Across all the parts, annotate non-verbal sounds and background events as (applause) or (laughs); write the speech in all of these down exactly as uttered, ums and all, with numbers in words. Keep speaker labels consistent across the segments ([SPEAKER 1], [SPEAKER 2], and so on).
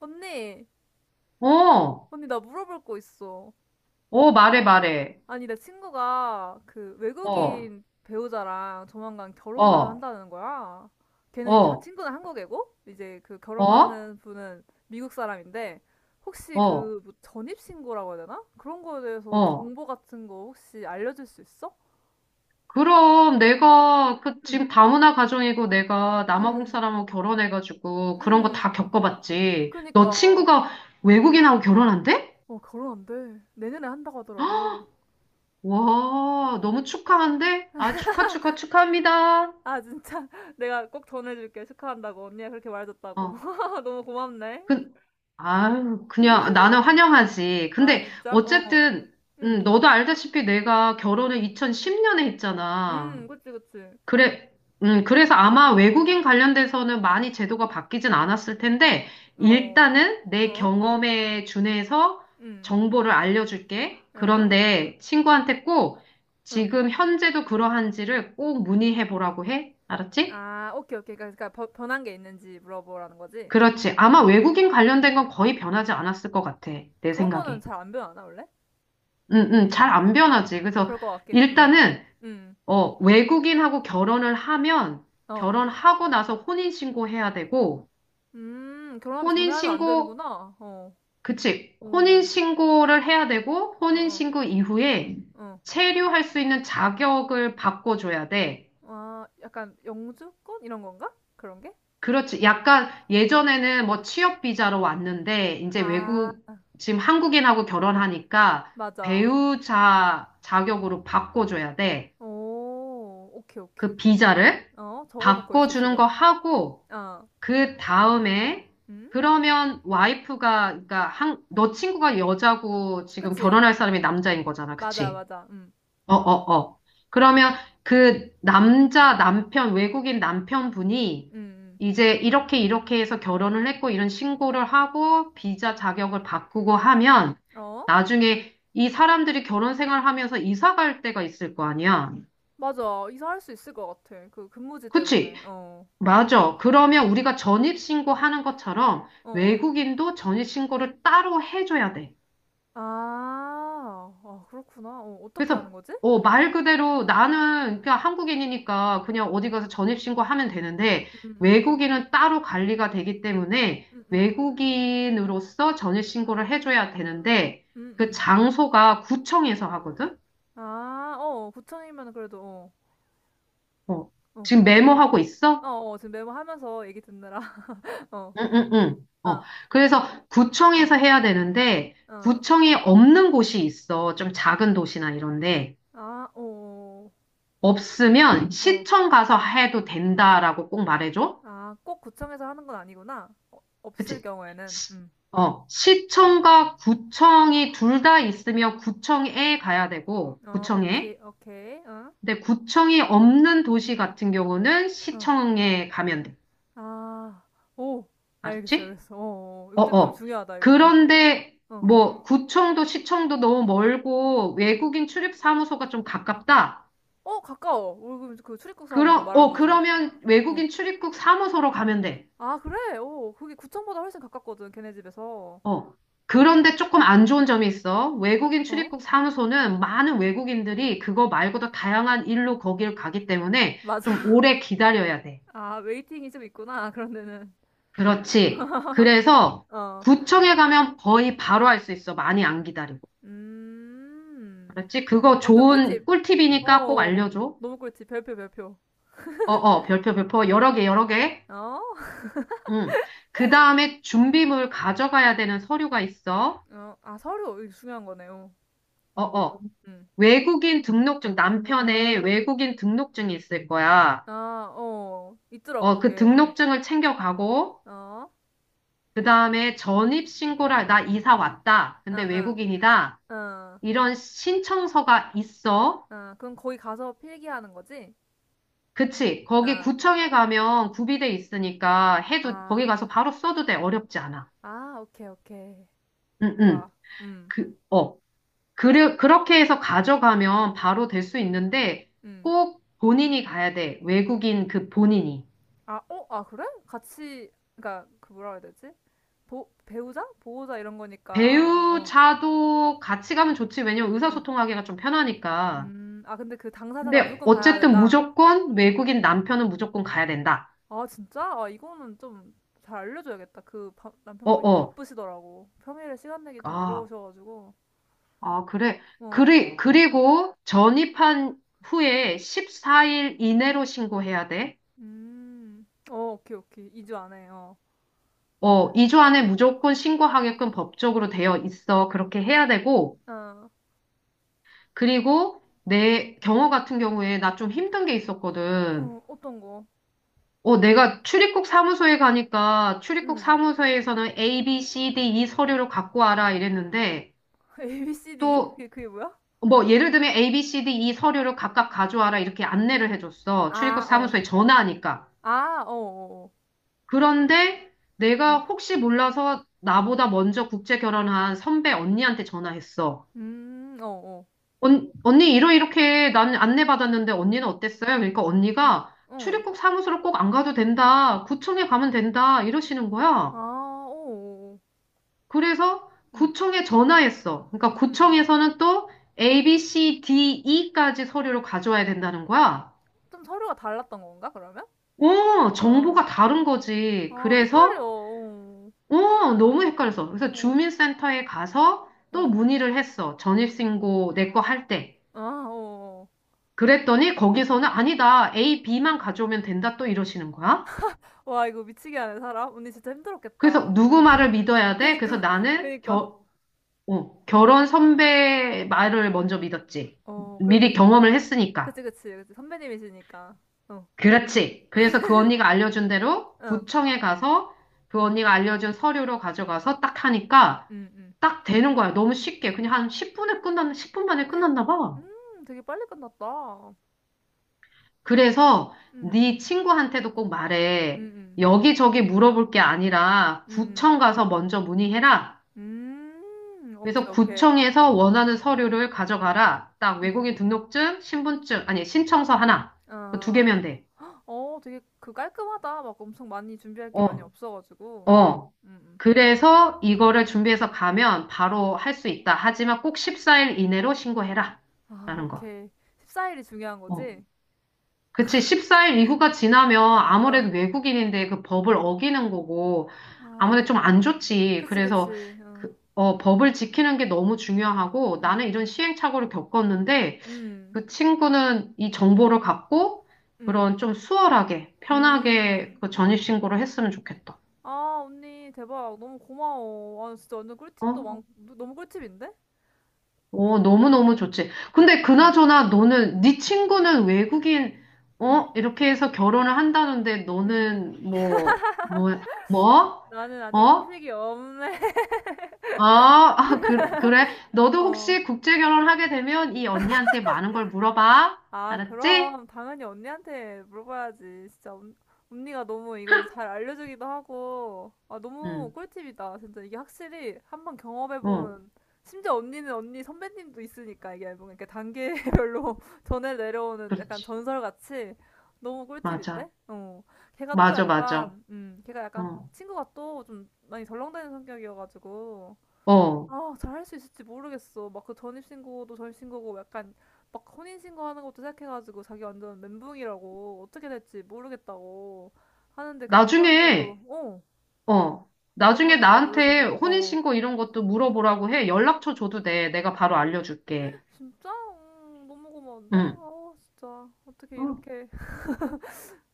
[SPEAKER 1] 언니,
[SPEAKER 2] 어,
[SPEAKER 1] 언니, 나 물어볼 거 있어.
[SPEAKER 2] 어, 말해, 말해.
[SPEAKER 1] 아니, 내 친구가 그
[SPEAKER 2] 어,
[SPEAKER 1] 외국인 배우자랑 조만간 결혼을
[SPEAKER 2] 어,
[SPEAKER 1] 한다는 거야. 걔는 이제 하-
[SPEAKER 2] 어,
[SPEAKER 1] 친구는 한국애고, 이제 그
[SPEAKER 2] 어,
[SPEAKER 1] 결혼하는 분은 미국 사람인데, 혹시
[SPEAKER 2] 어,
[SPEAKER 1] 그뭐 전입신고라고 해야 되나? 그런 거에 대해서
[SPEAKER 2] 어.
[SPEAKER 1] 정보 같은 거 혹시 알려줄 수 있어?
[SPEAKER 2] 그럼 내가 그
[SPEAKER 1] 응,
[SPEAKER 2] 지금 다문화 가정이고 내가 남아공
[SPEAKER 1] 응,
[SPEAKER 2] 사람하고 결혼해가지고 그런 거
[SPEAKER 1] 응,
[SPEAKER 2] 다 겪어봤지. 너
[SPEAKER 1] 그니까.
[SPEAKER 2] 친구가
[SPEAKER 1] 응.
[SPEAKER 2] 외국인하고 결혼한대?
[SPEAKER 1] 어, 결혼 안 돼. 내년에 한다고 하더라고.
[SPEAKER 2] 와, 너무 축하한데? 아, 축하, 축하, 축하합니다.
[SPEAKER 1] 아, 진짜. (laughs) 내가 꼭 전해줄게. 축하한다고. 언니가 그렇게 말해줬다고.
[SPEAKER 2] 어,
[SPEAKER 1] (laughs) 너무 고맙네.
[SPEAKER 2] 그, 아유, 그냥 나는 환영하지.
[SPEAKER 1] 아,
[SPEAKER 2] 근데
[SPEAKER 1] 진짜? 어.
[SPEAKER 2] 어쨌든,
[SPEAKER 1] 응.
[SPEAKER 2] 음, 너도 알다시피 내가 결혼을 이천십 년에
[SPEAKER 1] 응,
[SPEAKER 2] 했잖아.
[SPEAKER 1] 그치, 그치.
[SPEAKER 2] 그래, 음, 그래서 아마 외국인 관련돼서는 많이 제도가 바뀌진 않았을 텐데,
[SPEAKER 1] 어.
[SPEAKER 2] 일단은 내
[SPEAKER 1] 어?
[SPEAKER 2] 경험에 준해서
[SPEAKER 1] 응.
[SPEAKER 2] 정보를 알려줄게.
[SPEAKER 1] 어?
[SPEAKER 2] 그런데 친구한테 꼭
[SPEAKER 1] 응.
[SPEAKER 2] 지금 현재도 그러한지를 꼭 문의해 보라고 해. 알았지?
[SPEAKER 1] 아, 오케이, 오케이. 그러니까, 그러니까 버- 변한 게 있는지 물어보라는 거지?
[SPEAKER 2] 그렇지. 아마
[SPEAKER 1] 음.
[SPEAKER 2] 외국인 관련된 건 거의 변하지 않았을 것 같아. 내
[SPEAKER 1] 그런 거는
[SPEAKER 2] 생각에.
[SPEAKER 1] 잘 안 변하나, 원래?
[SPEAKER 2] 응, 응, 잘
[SPEAKER 1] 음.
[SPEAKER 2] 안 변하지. 그래서
[SPEAKER 1] 그럴 것 같긴 해. 음.
[SPEAKER 2] 일단은,
[SPEAKER 1] 음.
[SPEAKER 2] 어, 외국인하고 결혼을 하면,
[SPEAKER 1] 어.
[SPEAKER 2] 결혼하고 나서 혼인신고해야 되고,
[SPEAKER 1] 음, 결혼하기 전에 하면 안
[SPEAKER 2] 혼인신고,
[SPEAKER 1] 되는구나. 어.
[SPEAKER 2] 그치.
[SPEAKER 1] 오.
[SPEAKER 2] 혼인신고를 해야 되고,
[SPEAKER 1] 어, 어,
[SPEAKER 2] 혼인신고 이후에 음.
[SPEAKER 1] 어.
[SPEAKER 2] 체류할 수 있는 자격을 바꿔줘야 돼.
[SPEAKER 1] 아, 약간 영주권? 이런 건가? 그런 게?
[SPEAKER 2] 그렇지. 약간 예전에는 뭐 취업비자로 왔는데, 이제
[SPEAKER 1] 아,
[SPEAKER 2] 외국, 지금 한국인하고 결혼하니까
[SPEAKER 1] 맞아.
[SPEAKER 2] 배우자 자격으로 바꿔줘야 돼.
[SPEAKER 1] 오, 오케이, 오케이.
[SPEAKER 2] 그 비자를
[SPEAKER 1] 어, 적어놓고 있어,
[SPEAKER 2] 바꿔주는
[SPEAKER 1] 지금.
[SPEAKER 2] 거 하고,
[SPEAKER 1] 어,
[SPEAKER 2] 그 다음에
[SPEAKER 1] 음?
[SPEAKER 2] 그러면 와이프가 그러니까 한, 너 친구가 여자고 지금
[SPEAKER 1] 그치?
[SPEAKER 2] 결혼할 사람이 남자인 거잖아.
[SPEAKER 1] 맞아,
[SPEAKER 2] 그치?
[SPEAKER 1] 맞아. 음,
[SPEAKER 2] 어, 어, 어. 그러면 그 남자 남편 외국인 남편분이
[SPEAKER 1] 음,
[SPEAKER 2] 이제 이렇게 이렇게 해서 결혼을 했고 이런 신고를 하고 비자 자격을 바꾸고 하면
[SPEAKER 1] 음. 어?
[SPEAKER 2] 나중에 이 사람들이 결혼 생활하면서 이사 갈 때가 있을 거 아니야.
[SPEAKER 1] 맞아. 이사할 수 있을 것 같아. 그 근무지 때문에.
[SPEAKER 2] 그치?
[SPEAKER 1] 어,
[SPEAKER 2] 맞아. 그러면 우리가 전입신고 하는 것처럼
[SPEAKER 1] 어, 어.
[SPEAKER 2] 외국인도 전입신고를 따로 해줘야 돼.
[SPEAKER 1] 아, 아, 그렇구나. 어, 어떻게
[SPEAKER 2] 그래서,
[SPEAKER 1] 하는 거지?
[SPEAKER 2] 어, 말 그대로 나는 그냥 한국인이니까 그냥 어디 가서 전입신고 하면 되는데
[SPEAKER 1] 음, 음,
[SPEAKER 2] 외국인은 따로 관리가 되기 때문에
[SPEAKER 1] 음, 음,
[SPEAKER 2] 외국인으로서 전입신고를 해줘야 되는데
[SPEAKER 1] 음,
[SPEAKER 2] 그
[SPEAKER 1] 음.
[SPEAKER 2] 장소가 구청에서 하거든?
[SPEAKER 1] 아, 어, 구청이면 그래도, 어,
[SPEAKER 2] 어,
[SPEAKER 1] 어,
[SPEAKER 2] 지금 메모하고 있어?
[SPEAKER 1] 어, 어, 지금 메모하면서 얘기 듣느라, (laughs) 어,
[SPEAKER 2] 응, 응, 응. 어,
[SPEAKER 1] 어,
[SPEAKER 2] 그래서 구청에서 해야 되는데,
[SPEAKER 1] 어.
[SPEAKER 2] 구청이 없는 곳이 있어. 좀 작은 도시나 이런데.
[SPEAKER 1] 아, 어,
[SPEAKER 2] 없으면
[SPEAKER 1] 어.
[SPEAKER 2] 시청 가서 해도 된다라고 꼭 말해줘.
[SPEAKER 1] 아, 꼭 구청에서 하는 건 아니구나. 어, 없을
[SPEAKER 2] 그치?
[SPEAKER 1] 경우에는.
[SPEAKER 2] 시-
[SPEAKER 1] 음.
[SPEAKER 2] 어, 시청과 구청이 둘 다 있으면 구청에 가야 되고,
[SPEAKER 1] 어, 오케이,
[SPEAKER 2] 구청에.
[SPEAKER 1] 오케이. 응?
[SPEAKER 2] 근데 구청이 없는 도시 같은 경우는
[SPEAKER 1] 응.
[SPEAKER 2] 시청에 가면 돼.
[SPEAKER 1] 아, 오. 알겠어,
[SPEAKER 2] 알았지?
[SPEAKER 1] 알겠어. 어, 어. 어.
[SPEAKER 2] 어,
[SPEAKER 1] 이거 좀, 좀
[SPEAKER 2] 어.
[SPEAKER 1] 중요하다, 이거. 어.
[SPEAKER 2] 그런데
[SPEAKER 1] 어,
[SPEAKER 2] 뭐 구청도 시청도 너무 멀고 외국인 출입 사무소가 좀 가깝다.
[SPEAKER 1] 어, 가까워. 우리 그, 그 출입국 사무소
[SPEAKER 2] 그러,
[SPEAKER 1] 말하는
[SPEAKER 2] 어,
[SPEAKER 1] 거지.
[SPEAKER 2] 그러면
[SPEAKER 1] 어.
[SPEAKER 2] 외국인 출입국 사무소로 가면 돼.
[SPEAKER 1] 아, 그래? 오, 그게 구청보다 훨씬 가깝거든, 걔네 집에서.
[SPEAKER 2] 어.
[SPEAKER 1] 응.
[SPEAKER 2] 그런데 조금 안 좋은 점이 있어.
[SPEAKER 1] 어,
[SPEAKER 2] 외국인
[SPEAKER 1] 어?
[SPEAKER 2] 출입국 사무소는 많은 외국인들이 그거 말고도 다양한 일로 거길 가기 때문에 좀
[SPEAKER 1] 맞아.
[SPEAKER 2] 오래 기다려야 돼.
[SPEAKER 1] (laughs) 아, 웨이팅이 좀 있구나, 그런 데는.
[SPEAKER 2] 그렇지. 그래서
[SPEAKER 1] 어.
[SPEAKER 2] 구청에 가면 거의 바로 할 수 있어. 많이 안 기다리고.
[SPEAKER 1] 음.
[SPEAKER 2] 그렇지?
[SPEAKER 1] 음.
[SPEAKER 2] 그거
[SPEAKER 1] 완전
[SPEAKER 2] 좋은
[SPEAKER 1] 꿀팁. 어,
[SPEAKER 2] 꿀팁이니까 꼭
[SPEAKER 1] 어.
[SPEAKER 2] 알려줘.
[SPEAKER 1] 너무 꿀팁. 별표, 별표.
[SPEAKER 2] 어, 어, 별표, 별표, 여러 개, 여러 개.
[SPEAKER 1] 어?
[SPEAKER 2] 응. 그 다음에 준비물 가져가야 되는 서류가 있어.
[SPEAKER 1] 어, 아, 서류 이게 중요한 거네요.
[SPEAKER 2] 어, 어.
[SPEAKER 1] 음.
[SPEAKER 2] 외국인 등록증, 남편의 외국인 등록증이 있을 거야.
[SPEAKER 1] 아, 어, 있더라고
[SPEAKER 2] 어, 그
[SPEAKER 1] 그게. 어,
[SPEAKER 2] 등록증을 챙겨가고,
[SPEAKER 1] 어,
[SPEAKER 2] 그 다음에 전입신고를, 할- 나 이사 왔다.
[SPEAKER 1] 아,
[SPEAKER 2] 근데
[SPEAKER 1] 아,
[SPEAKER 2] 외국인이다.
[SPEAKER 1] 아,
[SPEAKER 2] 이런 신청서가 있어.
[SPEAKER 1] 아, 그럼 거기 가서 필기하는 거지?
[SPEAKER 2] 그치. 거기
[SPEAKER 1] 아,
[SPEAKER 2] 구청에 가면 구비돼 있으니까 해도, 거기
[SPEAKER 1] 아,
[SPEAKER 2] 가서 바로 써도 돼. 어렵지 않아.
[SPEAKER 1] 아, 오케이, 오케이,
[SPEAKER 2] 응, 응.
[SPEAKER 1] 좋아. 음,
[SPEAKER 2] 그, 어. 그르, 그렇게 해서 가져가면 바로 될 수 있는데
[SPEAKER 1] 음.
[SPEAKER 2] 꼭 본인이 가야 돼. 외국인 그 본인이.
[SPEAKER 1] 아, 어, 아, 그래? 같이, 그니까 그 뭐라 해야 되지? 보, 배우자? 보호자 이런 거니까. 어,
[SPEAKER 2] 배우자도 같이 가면 좋지. 왜냐면
[SPEAKER 1] 어,
[SPEAKER 2] 의사소통하기가 좀 편하니까.
[SPEAKER 1] 음. 아, 근데 그 당사자가
[SPEAKER 2] 근데
[SPEAKER 1] 무조건 가야
[SPEAKER 2] 어쨌든
[SPEAKER 1] 된다.
[SPEAKER 2] 무조건 외국인 남편은 무조건 가야 된다.
[SPEAKER 1] 아, 진짜? 아, 이거는 좀 잘 알려줘야겠다. 그 바-
[SPEAKER 2] 어,
[SPEAKER 1] 남편분이 좀
[SPEAKER 2] 어.
[SPEAKER 1] 바쁘시더라고. 평일에 시간 내기 좀
[SPEAKER 2] 아,
[SPEAKER 1] 어려우셔가지고.
[SPEAKER 2] 아, 그래.
[SPEAKER 1] 어,
[SPEAKER 2] 그리, 그리고 전입한 후에 십사 일 이내로 신고해야 돼.
[SPEAKER 1] 음, 어, 오케이, 오케이. 이 주 안에, 어.
[SPEAKER 2] 어, 이 주 안에 무조건 신고하게끔 법적으로 되어 있어. 그렇게 해야 되고,
[SPEAKER 1] 어,
[SPEAKER 2] 그리고 내 경우 같은 경우에 나 좀 힘든 게 있었거든.
[SPEAKER 1] 어, 어떤 거?
[SPEAKER 2] 어, 내가 출입국 사무소에 가니까 출입국
[SPEAKER 1] 응.
[SPEAKER 2] 사무소에서는 A, B, C, D, E 서류를 갖고 와라 이랬는데
[SPEAKER 1] (laughs) 에이, 비, 시, 디?
[SPEAKER 2] 또
[SPEAKER 1] 그게, 그게 뭐야?
[SPEAKER 2] 뭐 예를 들면 A, B, C, D, E 서류를 각각 가져와라 이렇게 안내를 해줬어. 출입국
[SPEAKER 1] 아, 어.
[SPEAKER 2] 사무소에 전화하니까.
[SPEAKER 1] 아, 어, 어,
[SPEAKER 2] 그런데
[SPEAKER 1] 어.
[SPEAKER 2] 내가
[SPEAKER 1] 어.
[SPEAKER 2] 혹시 몰라서 나보다 먼저 국제 결혼한 선배 언니한테 전화했어.
[SPEAKER 1] 음, 어, 어.
[SPEAKER 2] 언, 언니 이러 이렇게 난 안내받았는데 언니는 어땠어요? 그러니까
[SPEAKER 1] 응,
[SPEAKER 2] 언니가
[SPEAKER 1] 응.
[SPEAKER 2] 출입국 사무소로 꼭 안 가도 된다. 구청에 가면 된다. 이러시는
[SPEAKER 1] 아,
[SPEAKER 2] 거야.
[SPEAKER 1] 어, 어, 어.
[SPEAKER 2] 그래서
[SPEAKER 1] 응.
[SPEAKER 2] 구청에 전화했어. 그러니까 구청에서는 또 A, B, C, D, E까지 서류를 가져와야 된다는 거야.
[SPEAKER 1] 좀 서류가 달랐던 건가, 그러면?
[SPEAKER 2] 어,
[SPEAKER 1] 어.
[SPEAKER 2] 정보가 다른 거지.
[SPEAKER 1] 아, 헷갈려.
[SPEAKER 2] 그래서
[SPEAKER 1] 어,
[SPEAKER 2] 어, 너무 헷갈려서. 그래서
[SPEAKER 1] 어,
[SPEAKER 2] 주민센터에 가서 또
[SPEAKER 1] 어.
[SPEAKER 2] 문의를 했어. 전입신고 내 거 할 때.
[SPEAKER 1] 아, 어, 어.
[SPEAKER 2] 그랬더니 거기서는 아니다. A, B만 가져오면 된다. 또 이러시는 거야.
[SPEAKER 1] 와, 이거 미치게 하네, 사람. 언니 진짜
[SPEAKER 2] 그래서
[SPEAKER 1] 힘들었겠다. 어.
[SPEAKER 2] 누구 말을
[SPEAKER 1] (laughs)
[SPEAKER 2] 믿어야 돼? 그래서
[SPEAKER 1] 그니까,
[SPEAKER 2] 나는
[SPEAKER 1] 그니까.
[SPEAKER 2] 겨, 어, 결혼 선배 말을 먼저 믿었지.
[SPEAKER 1] 어, 그래도,
[SPEAKER 2] 미리
[SPEAKER 1] 이-
[SPEAKER 2] 경험을 했으니까.
[SPEAKER 1] 그치, 그치, 그치. 선배님이시니까. 어,
[SPEAKER 2] 그렇지. 그래서 그 언니가 알려준 대로
[SPEAKER 1] 응,
[SPEAKER 2] 구청에 가서 그
[SPEAKER 1] 응,
[SPEAKER 2] 언니가 알려준 서류로 가져가서 딱 하니까
[SPEAKER 1] 응, 응.
[SPEAKER 2] 딱 되는 거야. 너무 쉽게. 그냥 한 십 분에 끝났, 십 분 만에 끝났나 봐.
[SPEAKER 1] 음, 되게 빨리 끝났다.
[SPEAKER 2] 그래서
[SPEAKER 1] 응, 응,
[SPEAKER 2] 네 친구한테도 꼭 말해.
[SPEAKER 1] 응,
[SPEAKER 2] 여기저기 물어볼 게 아니라
[SPEAKER 1] 응,
[SPEAKER 2] 구청 가서 먼저 문의해라.
[SPEAKER 1] 응. 음, 오케이,
[SPEAKER 2] 그래서
[SPEAKER 1] 오케이.
[SPEAKER 2] 구청에서 원하는 서류를 가져가라. 딱
[SPEAKER 1] 응, 응,
[SPEAKER 2] 외국인
[SPEAKER 1] 응.
[SPEAKER 2] 등록증, 신분증, 아니, 신청서 하나. 그 두
[SPEAKER 1] 아,
[SPEAKER 2] 개면 돼.
[SPEAKER 1] 어, 되게 그 깔끔하다. 막 엄청 많이 준비할 게 많이
[SPEAKER 2] 어,
[SPEAKER 1] 없어가지고.
[SPEAKER 2] 어.
[SPEAKER 1] 응, 응,
[SPEAKER 2] 그래서 이거를 준비해서 가면 바로
[SPEAKER 1] 응.
[SPEAKER 2] 할 수 있다. 하지만 꼭 십사 일 이내로 신고해라.
[SPEAKER 1] 아,
[SPEAKER 2] 라는 거.
[SPEAKER 1] 오케이. 십사 일이 중요한
[SPEAKER 2] 어.
[SPEAKER 1] 거지?
[SPEAKER 2] 그치, 십사 일 이후가 지나면
[SPEAKER 1] 어.
[SPEAKER 2] 아무래도 외국인인데 그 법을 어기는 거고, 아무래도
[SPEAKER 1] 아,
[SPEAKER 2] 좀 안 좋지.
[SPEAKER 1] 그치,
[SPEAKER 2] 그래서
[SPEAKER 1] 그치. 어.
[SPEAKER 2] 그, 어, 법을 지키는 게 너무 중요하고,
[SPEAKER 1] 응, 응,
[SPEAKER 2] 나는
[SPEAKER 1] 응.
[SPEAKER 2] 이런 시행착오를 겪었는데,
[SPEAKER 1] 응.
[SPEAKER 2] 그 친구는 이 정보를 갖고,
[SPEAKER 1] 음,
[SPEAKER 2] 그런 좀 수월하게, 편하게
[SPEAKER 1] 음.
[SPEAKER 2] 그 전입신고를 했으면 좋겠다.
[SPEAKER 1] 아, 언니, 대박. 너무 고마워. 아, 진짜 완전 꿀팁도
[SPEAKER 2] 어?
[SPEAKER 1] 많, 너무 꿀팁인데?
[SPEAKER 2] 오, 너무너무 좋지. 근데
[SPEAKER 1] 음,
[SPEAKER 2] 그나저나 너는, 네 친구는 외국인,
[SPEAKER 1] 음,
[SPEAKER 2] 어? 이렇게 해서 결혼을 한다는데
[SPEAKER 1] 음.
[SPEAKER 2] 너는 뭐, 뭐, 뭐?
[SPEAKER 1] 나는 아직
[SPEAKER 2] 어?
[SPEAKER 1] 소식이 없네. (laughs)
[SPEAKER 2] 아, 아, 그, 그래. 너도
[SPEAKER 1] 어.
[SPEAKER 2] 혹시 국제 결혼하게 되면 이 언니한테 많은 걸 물어봐.
[SPEAKER 1] 아,
[SPEAKER 2] 알았지?
[SPEAKER 1] 그럼 당연히 언니한테 물어봐야지. 진짜 언, 언니가 너무 이걸 잘 알려주기도 하고, 아, 너무
[SPEAKER 2] 응,
[SPEAKER 1] 꿀팁이다. 진짜 이게 확실히 한번
[SPEAKER 2] 어,
[SPEAKER 1] 경험해본, 심지어 언니는 언니 선배님도 있으니까 이게 뭔가 이렇게 단계별로 (laughs) 전에 내려오는 약간
[SPEAKER 2] 그렇지.
[SPEAKER 1] 전설같이 너무
[SPEAKER 2] 맞아.
[SPEAKER 1] 꿀팁인데? 어. 걔가 또
[SPEAKER 2] 맞아, 맞아.
[SPEAKER 1] 약간, 음, 걔가 약간
[SPEAKER 2] 어,
[SPEAKER 1] 친구가 또 좀 많이 덜렁대는 성격이어가지고,
[SPEAKER 2] 어.
[SPEAKER 1] 아, 잘 할 수 있을지 모르겠어. 막 그 전입신고도 전입신고고 약간 막 혼인신고하는 것도 생각해가지고 자기 완전 멘붕이라고 어떻게 될지 모르겠다고 하는데 그 남편분도
[SPEAKER 2] 나중에,
[SPEAKER 1] 어, 어,
[SPEAKER 2] 어. 나중에
[SPEAKER 1] 남편분도 잘
[SPEAKER 2] 나한테
[SPEAKER 1] 모르셔서 어,
[SPEAKER 2] 혼인신고 이런 것도 물어보라고 해. 연락처 줘도 돼. 내가 바로 알려줄게.
[SPEAKER 1] 진짜 음, 너무 고마운데?
[SPEAKER 2] 응.
[SPEAKER 1] 아, 진짜 어떻게
[SPEAKER 2] 어,
[SPEAKER 1] 이렇게 (laughs)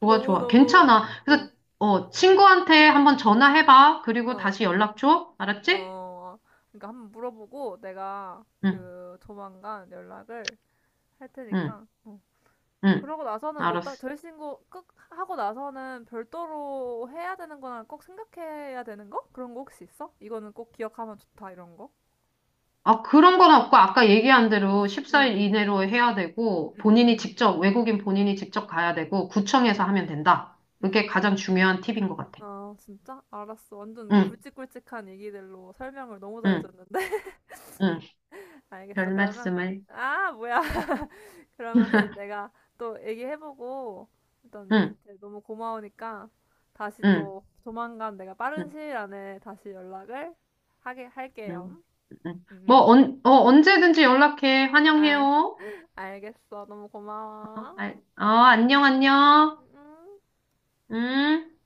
[SPEAKER 2] 좋아,
[SPEAKER 1] 너무
[SPEAKER 2] 좋아.
[SPEAKER 1] 너무
[SPEAKER 2] 괜찮아.
[SPEAKER 1] 어,
[SPEAKER 2] 그래서, 어, 친구한테 한번 전화해봐. 그리고
[SPEAKER 1] 어,
[SPEAKER 2] 다시 연락 줘. 알았지?
[SPEAKER 1] 어. 그러니까 한번 물어보고 내가
[SPEAKER 2] 응,
[SPEAKER 1] 그 조만간 연락을 할
[SPEAKER 2] 응,
[SPEAKER 1] 테니까. 어.
[SPEAKER 2] 응.
[SPEAKER 1] 그러고 나서는 뭐 딱
[SPEAKER 2] 알았어.
[SPEAKER 1] 절신고 끝 하고 나서는 별도로 해야 되는 거나 꼭 생각해야 되는 거? 그런 거 혹시 있어? 이거는 꼭 기억하면 좋다 이런 거?
[SPEAKER 2] 아, 그런 건 없고, 아까 얘기한 대로
[SPEAKER 1] 응,
[SPEAKER 2] 십사 일
[SPEAKER 1] 응,
[SPEAKER 2] 이내로 해야 되고,
[SPEAKER 1] 응, 응,
[SPEAKER 2] 본인이
[SPEAKER 1] 응,
[SPEAKER 2] 직접, 외국인 본인이 직접 가야 되고, 구청에서
[SPEAKER 1] 응,
[SPEAKER 2] 하면 된다.
[SPEAKER 1] 응.
[SPEAKER 2] 그게 가장 중요한 팁인 것 같아.
[SPEAKER 1] 아 진짜? 알았어. 완전
[SPEAKER 2] 응,
[SPEAKER 1] 굵직굵직한 얘기들로 설명을 너무
[SPEAKER 2] 응,
[SPEAKER 1] 잘해줬는데?
[SPEAKER 2] 응.
[SPEAKER 1] (laughs) 알겠어.
[SPEAKER 2] 별
[SPEAKER 1] 그러면
[SPEAKER 2] 말씀을.
[SPEAKER 1] 아 뭐야? (laughs) 그러면은 내가 또 얘기해보고 일단
[SPEAKER 2] 응,
[SPEAKER 1] 언니한테 너무 고마우니까 다시
[SPEAKER 2] 응,
[SPEAKER 1] 또 조만간 내가 빠른
[SPEAKER 2] 응,
[SPEAKER 1] 시일 안에 다시 연락을 하게 할게요.
[SPEAKER 2] 응. 응. 응.
[SPEAKER 1] 응,
[SPEAKER 2] 뭐,
[SPEAKER 1] 응.
[SPEAKER 2] 언, 어, 언제든지 연락해.
[SPEAKER 1] 아,
[SPEAKER 2] 환영해요.
[SPEAKER 1] 알겠어. 너무
[SPEAKER 2] 어,
[SPEAKER 1] 고마워.
[SPEAKER 2] 알- 어, 안녕, 안녕.
[SPEAKER 1] 음.
[SPEAKER 2] 응?